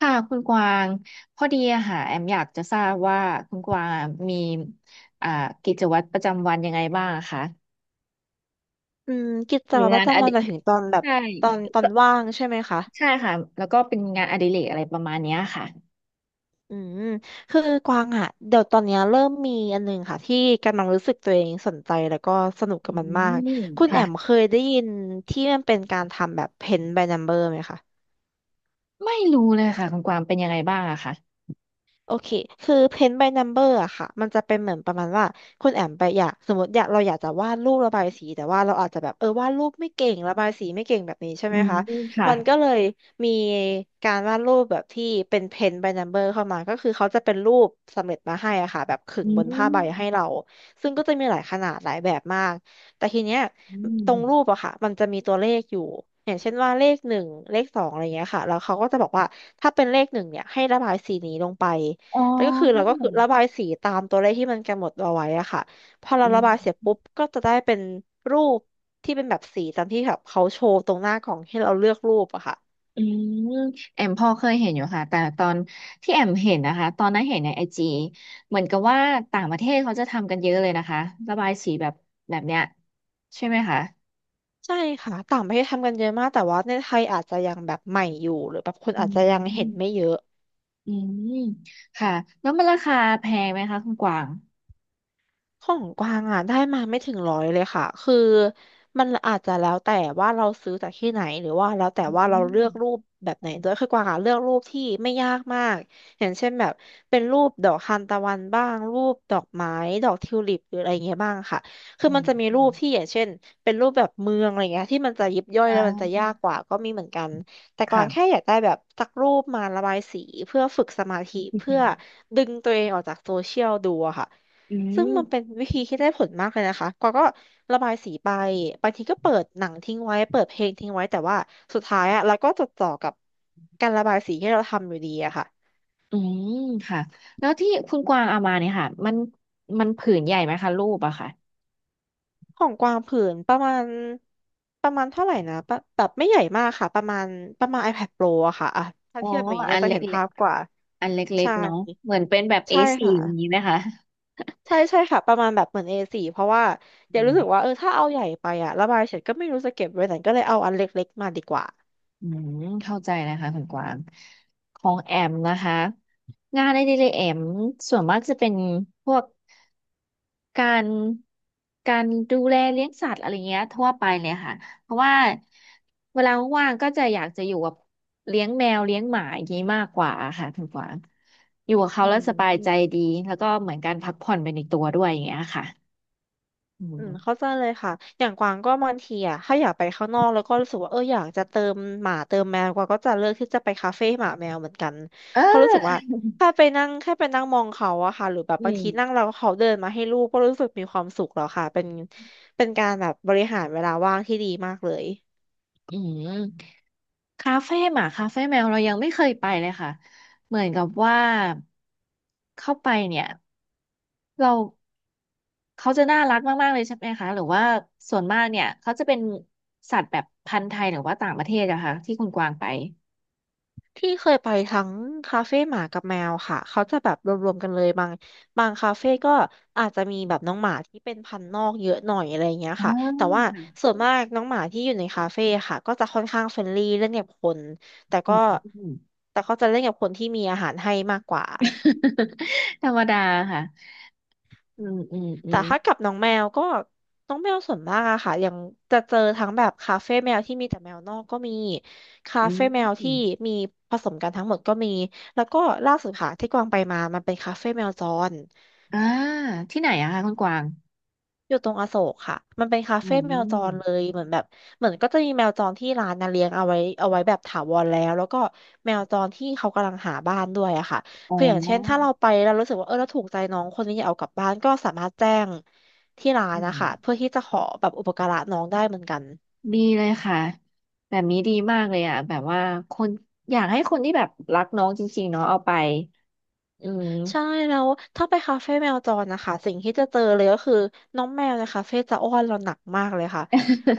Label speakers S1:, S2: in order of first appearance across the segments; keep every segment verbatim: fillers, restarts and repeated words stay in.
S1: ค่ะคุณกวางพอดีอะค่ะแอมอยากจะทราบว่าคุณกวางมีอ่ากิจวัตรประจำวันยังไงบ้างอะคะ
S2: อืมกิจ
S1: มี
S2: วัตรป
S1: งา
S2: ระ
S1: นอ
S2: จำวัน
S1: ดิ
S2: หมายถึงตอนแบบ
S1: ใช่
S2: ตอนตอน
S1: ก็
S2: ว่างใช่ไหมคะ
S1: ใช่ค่ะแล้วก็เป็นงานอดิเรกอะไรประมาณเนี้ยค่ะ
S2: อืมคือกวางอะเดี๋ยวตอนเนี้ยเริ่มมีอันหนึงค่ะที่กำลังรู้สึกตัวเองสนใจแล้วก็สนุก
S1: อื
S2: กับมันมาก
S1: ม
S2: คุณแอ
S1: ค่ะ
S2: มเคยได้ยินที่มันเป็นการทำแบบ Paint by Number ไหมคะ
S1: ไม่รู้เลยค่ะคุณกวางเป็นยังไงบ้างอะคะ
S2: โอเคคือ paint by number อะค่ะมันจะเป็นเหมือนประมาณว่าคุณแอมไปอยากสมมติอยากเราอยากจะวาดรูประบายสีแต่ว่าเราอาจจะแบบเออวาดรูปไม่เก่งระบายสีไม่เก่งแบบนี้ใช่
S1: อื
S2: ไหม
S1: ม
S2: คะ
S1: ค่ะ
S2: มันก็เลยมีการวาดรูปแบบที่เป็น paint by number เข้ามาก็คือเขาจะเป็นรูปสำเร็จมาให้อะค่ะแบบขึ
S1: อื
S2: งบนผ้า
S1: ม
S2: ใบให้เราซึ่งก็จะมีหลายขนาดหลายแบบมากแต่ทีเนี้ย
S1: อืม
S2: ตรงรูปอะค่ะมันจะมีตัวเลขอยู่อย่างเช่นว่าเลขหนึ่งเลขสองอะไรเงี้ยค่ะแล้วเขาก็จะบอกว่าถ้าเป็นเลขหนึ่งเนี่ยให้ระบายสีนี้ลงไป
S1: อ๋
S2: แล้วก็คือเรา
S1: อ
S2: ก็คือระบายสีตามตัวเลขที่มันกำหนดเอาไว้อะค่ะพอเราระบายเสร็จปุ๊บก็จะได้เป็นรูปที่เป็นแบบสีตามที่แบบเขาโชว์ตรงหน้ากล่องให้เราเลือกรูปอะค่ะ
S1: อืมแอมพอเคยเห็นอยู่ค่ะแต่ตอนที่แอมเห็นนะคะตอนนั้นเห็นในไอจีเหมือนกับว่าต่างประเทศเขาจะทำกันเยอะเลยนะคะระบายสีแบบแบบเนี้ยใช่ไหมคะ
S2: ใช่ค่ะต่างประเทศทำกันเยอะมากแต่ว่าในไทยอาจจะยังแบบใหม่อยู่หรือแบบคน
S1: อื
S2: อาจจะยังเห็นไม่
S1: ม
S2: เยอะ
S1: อืมค่ะแล้วมันราคาแพงไหมคะคุณกวาง
S2: ของกวางอ่ะได้มาไม่ถึงร้อยเลยค่ะคือมันอาจจะแล้วแต่ว่าเราซื้อจากที่ไหนหรือว่าแล้วแต่
S1: อื
S2: ว่าเรา
S1: ม
S2: เลือกรูปแบบไหนด้วยคือกวางอ่ะเลือกรูปที่ไม่ยากมากอย่างเช่นแบบเป็นรูปดอกทานตะวันบ้างรูปดอกไม้ดอกทิวลิปหรืออะไรเงี้ยบ้างค่ะคือ
S1: อื
S2: มันจะมี
S1: ม
S2: รูปที่อย่างเช่นเป็นรูปแบบเมืองอะไรเงี้ยที่มันจะยิบย่อย
S1: อ่
S2: แล้วมันจะยาก
S1: า
S2: กว่าก็มีเหมือนกันแต่กวางแค่
S1: ค่ะ
S2: อยากได้แบบสักรูปมาระบายสีเพื่อฝึกสมาธิ
S1: อื
S2: เพื่อ
S1: ม
S2: ดึงตัวเองออกจากโซเชียลดูอะค่ะ
S1: อื
S2: ซึ่งมันเป็น
S1: ม
S2: วิธีที่ได้ผลมากเลยนะคะกวางก็ระบายสีไปบางทีก็เปิดหนังทิ้งไว้เปิดเพลงทิ้งไว้แต่ว่าสุดท้ายอะเราก็จดจ่อกับการระบายสีที่เราทำอยู่ดีอะค่ะ
S1: อืมค่ะแล้วที่คุณกวางเอามาเนี่ยค่ะมันมันผืนใหญ่ไหมคะรูปอะค่ะ
S2: ของกวางผืนประมาณประมาณเท่าไหร่นะปะแบบไม่ใหญ่มากค่ะประมาณประมาณ iPad Pro อะค่ะอะถ้า
S1: อ๋อ
S2: เทียบแบบนี้
S1: อั
S2: เรา
S1: น
S2: จะ
S1: เล
S2: เห็น
S1: ็ก
S2: ภาพกว่า
S1: ๆ อันเล็ก
S2: ใช่
S1: ๆเนาะเหมือนเป็นแบบ
S2: ใช่
S1: เอ สี่ อสี่
S2: ค่ะ
S1: อย่างนี้นะคะ
S2: ใช่ใช่ค่ะประมาณแบบเหมือน เอ สี่ เพราะว่าเดี๋
S1: อื
S2: ยวรู้สึกว่า
S1: ม
S2: เออถ้าเอาใหญ่ไปอะระบายเสร็จก็ไม่รู้จะเก็บไว้ไหนก็เลยเอาอันเล็กๆมาดีกว่า
S1: อืมเข้าใจนะคะคุณกวางของแอมนะคะงานในดีเลยแอมส่วนมากจะเป็นพวกการการดูแลเลี้ยงสัตว์อะไรเงี้ยทั่วไปเลยค่ะเพราะว่าเวลาว่างๆก็จะอยากจะอยู่กับเลี้ยงแมวเลี้ยงหมาอย่างนี้มากกว่าค่ะคุณกวางอยู่กับเขา
S2: อื
S1: แล้วสบายใจ
S2: ม
S1: ดีแล้วก็เหมือนการพักผ่อนไปในตัวด้วยอย่างเงี้ยค่ะอื
S2: อืมเข้า
S1: ม
S2: ใจเลยค่ะอย่างกวางก็บางทีอ่ะถ้าอยากไปข้างนอกแล้วก็รู้สึกว่าเอออยากจะเติมหมาเติมแมวกวางก็จะเลือกที่จะไปคาเฟ่หมาแมวเหมือนกัน
S1: เอ
S2: เพราะรู้สึกว่า
S1: อ
S2: ถ้าไปนั่งแค่ไปนั่งมองเขาอะค่ะหรือแบบ
S1: อื
S2: บาง
S1: ม
S2: ทีนั่งแล้วเขาเดินมาให้ลูกก็รู้สึกมีความสุขแล้วค่ะเป็นเป็นการแบบบริหารเวลาว่างที่ดีมากเลย
S1: อืม คาเฟ่หมาคาเฟ่แมวเรายังไม่เคยไปเลยค่ะเหมือนกับว่าเข้าไปเนี่ยเราเขาจะน่ารักมากๆเลยใช่ไหมคะหรือว่าส่วนมากเนี่ยเขาจะเป็นสัตว์แบบพันธุ์ไทยหรือว่าต่างประเทศอะคะที่คุณกวางไป
S2: ที่เคยไปทั้งคาเฟ่หมากับแมวค่ะเขาจะแบบรวมๆกันเลยบางบางคาเฟ่ก็อาจจะมีแบบน้องหมาที่เป็นพันธุ์นอกเยอะหน่อยอะไรเงี้ย
S1: อ่า
S2: ค่ะ แต่ว่าส่วนมากน้องหมาที่อยู่ในคาเฟ่ค่ะก็จะค่อนข้างเฟรนลี่เล่นกับคนแต่
S1: อื
S2: ก็
S1: ม อืม
S2: แต่เขาจะเล่นกับคนที่มีอาหารให้มากกว่า
S1: ธรรมดาค่ะอืมอืมอื
S2: แต่
S1: ม
S2: ถ้ากับน้องแมวก็น้องแมวส่วนมากอะค่ะยังจะเจอทั้งแบบคาเฟ่แมวที่มีแต่แมวนอกก็มีคา
S1: อื
S2: เฟ่แมวที่
S1: ม
S2: มีผสมกันทั้งหมดก็มีแล้วก็ล่าสุดค่ะที่กวางไปมามันเป็นคาเฟ่แมวจร
S1: อ่าที่ไหนอะคะคุณกวาง
S2: อยู่ตรงอโศกค่ะ มันเป็นคา
S1: อื
S2: เฟ่แมวจรเล
S1: ม
S2: ย เหมือนแบบเหมือนก็จะมีแมวจรที่ร้านนะเลี้ยงเอาไว้เอาไว้แบบถาวรแล้วแล้วก็แมวจรที่เขากำลังหาบ้านด้วยอะค่ะ
S1: อ๋
S2: คืออย่างเช่นถ้า
S1: อ
S2: เราไปเรารู้สึกว่าเออเราถูกใจน้องคนนี้อยากเอากลับบ้านก็สามารถแจ้งที่ร้า
S1: อื
S2: นนะ
S1: ม
S2: คะเพื่อที่จะขอแบบอุปการะน้องได้เหมือนกัน
S1: ดีเลยค่ะแบบนี้ดีมากเลยอ่ะแบบว่าคนอยากให้คนที่แบบรักน้องจริงๆเนาะเอาไปอืม
S2: ใช่แล้วถ้าไปคาเฟ่แมวจรนะคะสิ่งที่จะเจอเลยก็คือน้องแมวในคาเฟ่จะอ้อนเราหนักมากเลยค่ะ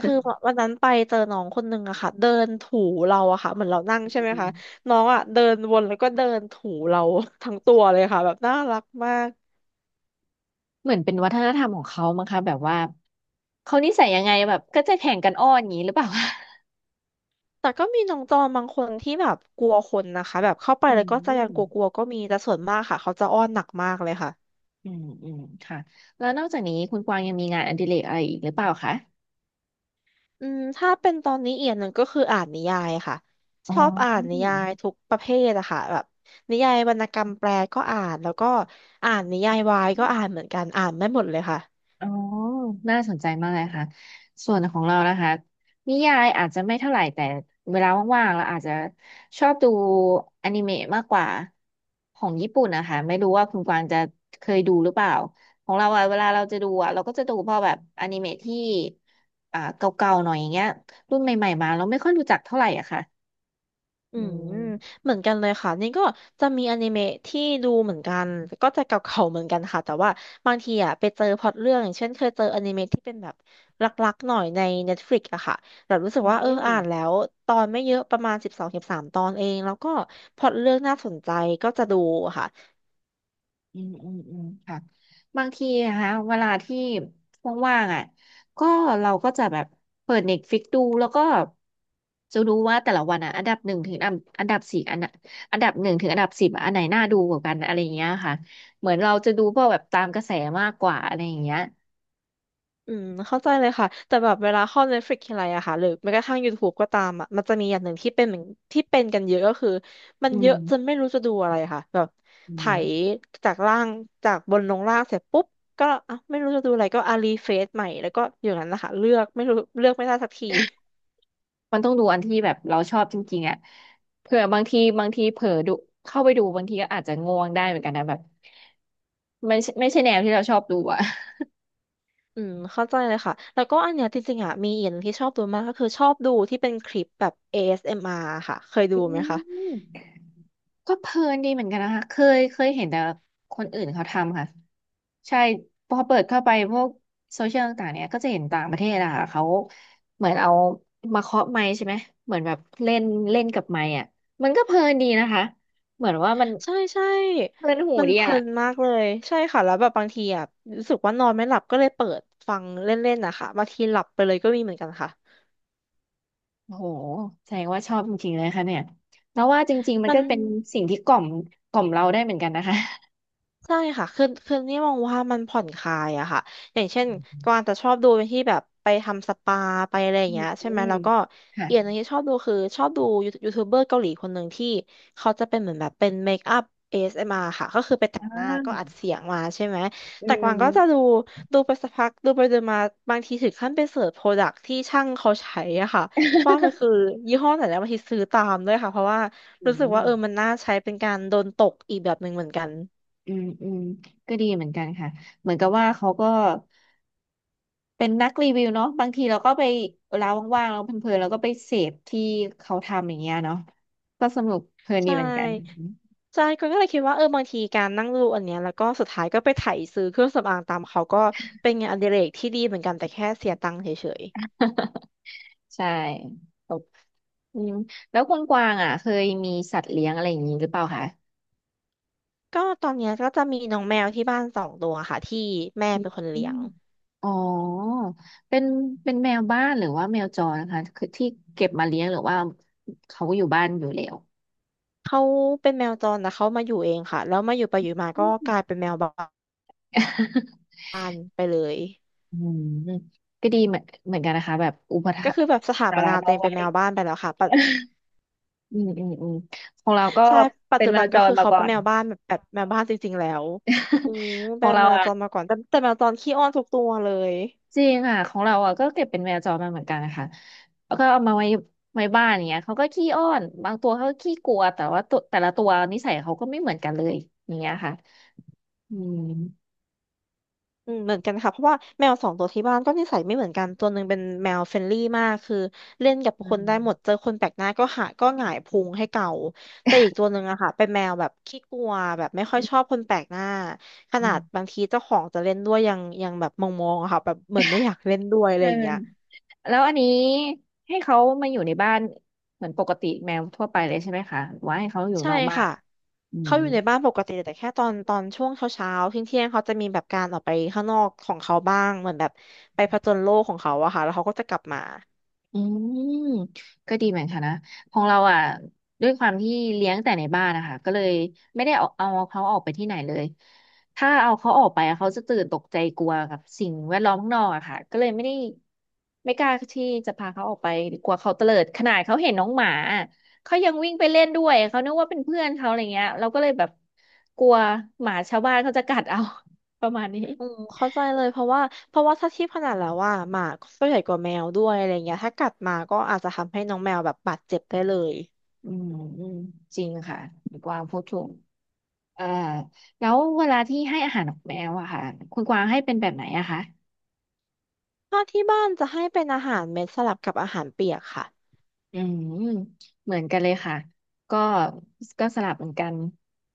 S2: คือ วันนั้นไปเจอน้องคนนึงอะค่ะเดินถูเราอะค่ะเหมือนเรานั่งใช่ไหม
S1: อื
S2: คะ
S1: ม
S2: น้องอะเดินวนแล้วก็เดินถูเรา ทั้งตัวเลยค่ะแบบน่ารักมาก
S1: เหมือนเป็นวัฒนธรรมของเขามั้งคะแบบว่าเขานิสัยยังไงแบบก็จะแข่งกันอ้อนอย่างนี้หรือเปล่า
S2: แต่ก็มีน้องจอมบางคนที่แบบกลัวคนนะคะแบบเข้าไป
S1: อื
S2: แล้วก็จะยังก
S1: ม
S2: ลัวๆก็มีแต่ส่วนมากค่ะเขาจะอ้อนหนักมากเลยค่ะ
S1: อืมอืมค่ะแล้วนอกจากนี้คุณกวางยังมีงานอดิเรกอะไรอีกหรือเปล่าคะ
S2: อืมถ้าเป็นตอนนี้เอียนหนึ่งก็คืออ่านนิยายค่ะ
S1: อ๋
S2: ชอบอ่านนิ
S1: อ
S2: ยายทุกประเภทอะค่ะแบบนิยายวรรณกรรมแปลก็อ่านแล้วก็อ่านนิยายวายก็อ่านเหมือนกันอ่านได้หมดเลยค่ะ
S1: อ๋อน่าสนใจมากเลยค่ะส่วนของเรานะคะนิยายอาจจะไม่เท่าไหร่แต่เวลาว่างๆเราอาจจะชอบดูอนิเมะมากกว่าของญี่ปุ่นนะคะไม่รู้ว่าคุณกวางจะเคยดูหรือเปล่าของเราอะเวลาเราจะดูอะเราก็จะดูพอแบบอนิเมะที่อ่าเก่าๆหน่อยอย่างเงี้ยรุ่นใหม่ๆมาเราไม่ค่อยรู้จักเท่าไหร่อะค่ะ
S2: อื
S1: อื
S2: ม
S1: ม
S2: เหมือนกันเลยค่ะนี่ก็จะมีอนิเมะที่ดูเหมือนกันก็จะเก่าๆเหมือนกันค่ะแต่ว่าบางทีอ่ะไปเจอพล็อตเรื่องอย่างเช่นเคยเจออนิเมะที่เป็นแบบรักๆหน่อยใน Netflix อะค่ะแบบรู้สึ
S1: อื
S2: กว่าเอออ่า
S1: ม
S2: นแล้วตอนไม่เยอะประมาณสิบสองสิบสามตอนเองแล้วก็พล็อตเรื่องน่าสนใจก็จะดูค่ะ
S1: อืมอืมอืมค่ะบางทีนะคะเวลาที่ว่างๆอ่ะก็เราก็จะแบบเปิดเน็ตฟลิกดูแล้วก็จะดูว่าแต่ละวันอ่ะอันดับหนึ่งถึงอันอันดับสี่อันน่ะอันดับหนึ่งถึงอันดับสิบอันไหนน่าดูกว่ากันอะไรอย่างเงี้ยค่ะเหมือนเราจะดูพวกแบบตามกระแสมากกว่าอะไรอย่างเงี้ย
S2: อืมเข้าใจเลยค่ะแต่แบบเวลาเข้า Netflix ทีไรอะค่ะหรือแม้กระทั่ง YouTube ก็ตามอะมันจะมีอย่างหนึ่งที่เป็นเหมือนที่เป็นกันเยอะก็คือมัน
S1: อื
S2: เย
S1: ม
S2: อะจนไม่รู้จะดูอะไรค่ะแบบ
S1: อื
S2: ไถ
S1: ม
S2: จากล่างจากบนลงล่างเสร็จปุ๊บก็อ่ะไม่รู้จะดูอะไรก็อารีเฟซใหม่แล้วก็อย่างนั้นนะคะเลือกไม่รู้เลือกไม่ได้สักที
S1: มันต้องดูอันที่แบบเราชอบจริงๆอ่ะเผื่อบางทีบางทีเผลอดูเข้าไปดูบางทีก็อาจจะง่วงได้เหมือนกันนะแบบไม่ใช่ไม่ใช่แนวที่เราชอบดูอ่ะ
S2: อืมเข้าใจเลยค่ะแล้วก็อันเนี้ยจริงๆอะมีอีกอย่างนงที่ชอบดูมากก็คือชอบดูที่เป็นคลิปแบบ เอ เอส เอ็ม อาร์ ค่ะเคยดู
S1: อื
S2: ไหมคะ
S1: มก็เพลินดีเหมือนกันนะคะเคยเคยเห็นแต่คนอื่นเขาทำค่ะใช่พอเปิดเข้าไปพวกโซเชียลต่างๆเนี่ยก็จะเห็นต่างประเทศอะค่ะเขาเหมือนเอามาเคาะไมค์ใช่ไหมเหมือนแบบเล่นเล่นกับไมค์อะมันก็เพลินดีนะคะเหมือนว่ามัน
S2: ใช่ใช่
S1: เพลินหู
S2: มัน
S1: ดี
S2: เพ
S1: อะ
S2: ลินมากเลยใช่ค่ะแล้วแบบบางทีอ่ะรู้สึกว่านอนไม่หลับก็เลยเปิดฟังเล่นๆนะคะบางทีหลับไปเลยก็มีเหมือนกันค่ะ
S1: โอ้โหแสดงว่าชอบจริงๆเลยค่ะเนี่ยแล้วว่าจริงๆมัน
S2: มั
S1: ก็
S2: น
S1: เป็นสิ่งที่กล่อมกล่อมเราได้เหมือนกันนะคะ
S2: ใช่ค่ะคือคือนี่มองว่ามันผ่อนคลายอะค่ะอย่างเช่นกวางจะชอบดูเป็นที่แบบไปทำสปาไปอะไรอ
S1: อื
S2: ย่างเงี้ยใช่ไหม
S1: ม
S2: แล้วก็
S1: ค่ะ
S2: อีกอย่างหนึงที่ชอบดูคือชอบดูยูทูบเบอร์เกาหลีคนหนึ่งที่เขาจะเป็นเหมือนแบบเป็นเมคอัพ แต่
S1: อื
S2: งหน้าก็อัด
S1: ม
S2: เสียงมาใช่ไหม
S1: อื
S2: แต่กวา
S1: ม
S2: งก็จะดู ดูไปสักพัก ดูไปดูมาบางทีถึงขั้นไปเสิร์ชโปรดักที่ช่างเขาใช้อะค่ะว่ามันคือยี่ห้อไหนแล้วบางทีซื้อตามด้วยค่ะเพราะว่า
S1: อื
S2: รู้สึกว่า
S1: ม
S2: เออมันน่าใช้เป็นการโดนตกอีกแบบหนึ่งเหมือนกัน
S1: อืมอืมก็ดีเหมือนกันค่ะเหมือนกับว่าเขาก็เป็นนักรีวิวเนาะบางทีเราก็ไปเวลาว่างๆเราเพลินๆเราก็ไปเสพที่เขาทำอย่างเงี้ยเนาะก็สนุกเพลินดี
S2: ใช่
S1: เหมือนกัน
S2: ใช่ก็ก็เลยคิดว่าเออ บางทีการนั่งดูอันเนี้ยแล้วก็สุดท้ายก็ไปไถซื้อเครื่องสำอางตามเขาก็เป็นงานอดิเรกที่ดีเหมือนกันแต่แค่เสียตังค์เฉย
S1: ใช่ตบอืมแล้วคุณกวางอ่ะเคยมีสัตว์เลี้ยงอะไรอย่างนี้หรือเปล่าคะ
S2: ๆก็ตอนเนี้ยก็จะมีน้องแมวที่บ้านสองตัวค่ะที่แม่เป็นคน
S1: อื
S2: เลี้ย
S1: ม
S2: ง
S1: อ๋อเป็นเป็นแมวบ้านหรือว่าแมวจรนะคะคือที่เก็บมาเลี้ยงหรือว่าเขาอยู่บ้านอยู่แล้ว
S2: เขาเป็นแมวจรแต่เขามาอยู่เองค่ะแล้วมาอยู่ไปอยู่มา
S1: อื
S2: ก็
S1: ม
S2: กลายเป็นแมวบ ้านไปเลย
S1: อืมก็ดีเหมือนเหมือนกันนะคะแบบอุปถั
S2: ก็
S1: มภ์
S2: คือแบบสถา
S1: สา
S2: ป
S1: ระ
S2: นาตั
S1: น้
S2: ว
S1: อ
S2: เอ
S1: ง
S2: งเป็
S1: ไว้
S2: นแมวบ้านไปแล้วค่ะปัจ
S1: อืมอืมอืมของเราก็
S2: ใช่ปัจ
S1: เป็น
S2: จุ
S1: แม
S2: บัน
S1: วจ
S2: ก็
S1: ร
S2: คือ
S1: มา
S2: เขา
S1: ก่อ
S2: เป็น
S1: น
S2: แมวบ้านแบบแบบแมวบ้านจริงๆแล้วอ้
S1: ข
S2: เป็
S1: อ
S2: น
S1: งเรา
S2: แมว
S1: อ่ะ
S2: จรมาก่อนแต่แต่แมวจรขี้อ้อนทุกตัวเลย
S1: จริงค่ะของเราอ่ะก็เก็บเป็นแมวจรมาเหมือนกันนะคะแล้วก็เอามาไว้ไว้บ้านอย่างเงี้ยเขาก็ขี้อ้อนบางตัวเขาก็ขี้กลัวแต่ว่าตัวแต่ละตัวนิสัยเขาก็ไม่เหมือนกันเลยอย่างเงี้ยค่ะอืม
S2: อืมเหมือนกันค่ะเพราะว่าแมวสองตัวที่บ้านก็นิสัยไม่เหมือนกันตัวหนึ่งเป็นแมวเฟรนลี่มากคือเล่นกับ
S1: อื
S2: คนได้
S1: ม
S2: หมดเจอคนแปลกหน้าก็หาก็หงายพุงให้เก่าแต่อีกตัวหนึ่งอะค่ะเป็นแมวแบบขี้กลัวแบบไม่ค่อยชอบคนแปลกหน้าข
S1: อื
S2: นาดบา
S1: ม
S2: งทีเจ้าของจะเล่นด้วยยังยังแบบมองๆอะค่ะแบบเหมือนไม่อยากเล่นด้วยอะ
S1: เ
S2: ไรอย่างเงี้ย
S1: ออแล้วอันนี้ให้เขามาอยู่ในบ้านเหมือนปกติแมวทั่วไปเลยใใช่ไหมคะหรือว่าให้เขาอยู่
S2: ใช่
S1: นอกบ้าน
S2: ค่ะ
S1: อืม
S2: เขาอยู่ในบ้านปกติแต่แค่ตอนตอนช่วงเช้าเช้าเที่ยงเที่ยงๆเขาจะมีแบบการออกไปข้างนอกของเขาบ้างเหมือนแบบไปผจญโลกของเขาอะค่ะแล้วเขาก็จะกลับมา
S1: อืมก็ดีเหมือนกันนะของเราอ่ะด้วยความที่เลี้ยงแต่ในบ้านนะคะก็เลยไม่ได้เอาเอาเขาออกไปที่ไหนเลยถ้าเอาเขาออกไปอะเขาจะตื่นตกใจกลัวกับสิ่งแวดล้อมข้างนอกอะค่ะก็เลยไม่ได้ไม่กล้าที่จะพาเขาออกไปกลัวเขาเตลิดขนาดเขาเห็นน้องหมาอะเขายังวิ่งไปเล่นด้วยเขานึกว่าเป็นเพื่อนเขาอะไรเงี้ยเราก็เลยแบบกลัวหมาชาวบ้านเขาจะกัดเอา ประมาณนี้
S2: อืมเข้าใจเลยเพราะว่าเพราะว่าถ้าเทียบขนาดแล้วว่าหมาก็ใหญ่กว่าแมวด้วยอะไรเงี้ยถ้ากัดมาก็อาจจะทำให้น้องแมวแบบบาดเจ็บได้เลย
S1: อืมอืมจริงค่ะดีกวางพูดถูก เอ่อแล้วเวลาที่ให้อาหารนกแมวอะค่ะคุณกวางให้เป็นแบบไหนอะคะ
S2: ถ้าที่บ้านจะให้เป็นอาหารเม็ดสลับกับอาหารเปียกค่ะ
S1: อืมเหมือนกันเลยค่ะก็ก็สลับเหมือนกัน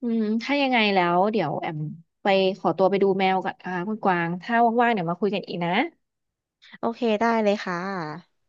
S1: อืมถ้ายังไงแล้วเดี๋ยวแอมไปขอตัวไปดูแมวก่อนนะคะคุณกวางถ้าว่างๆเดี๋ยวมาคุยกันอีกนะ
S2: โอเคได้เลยค่ะ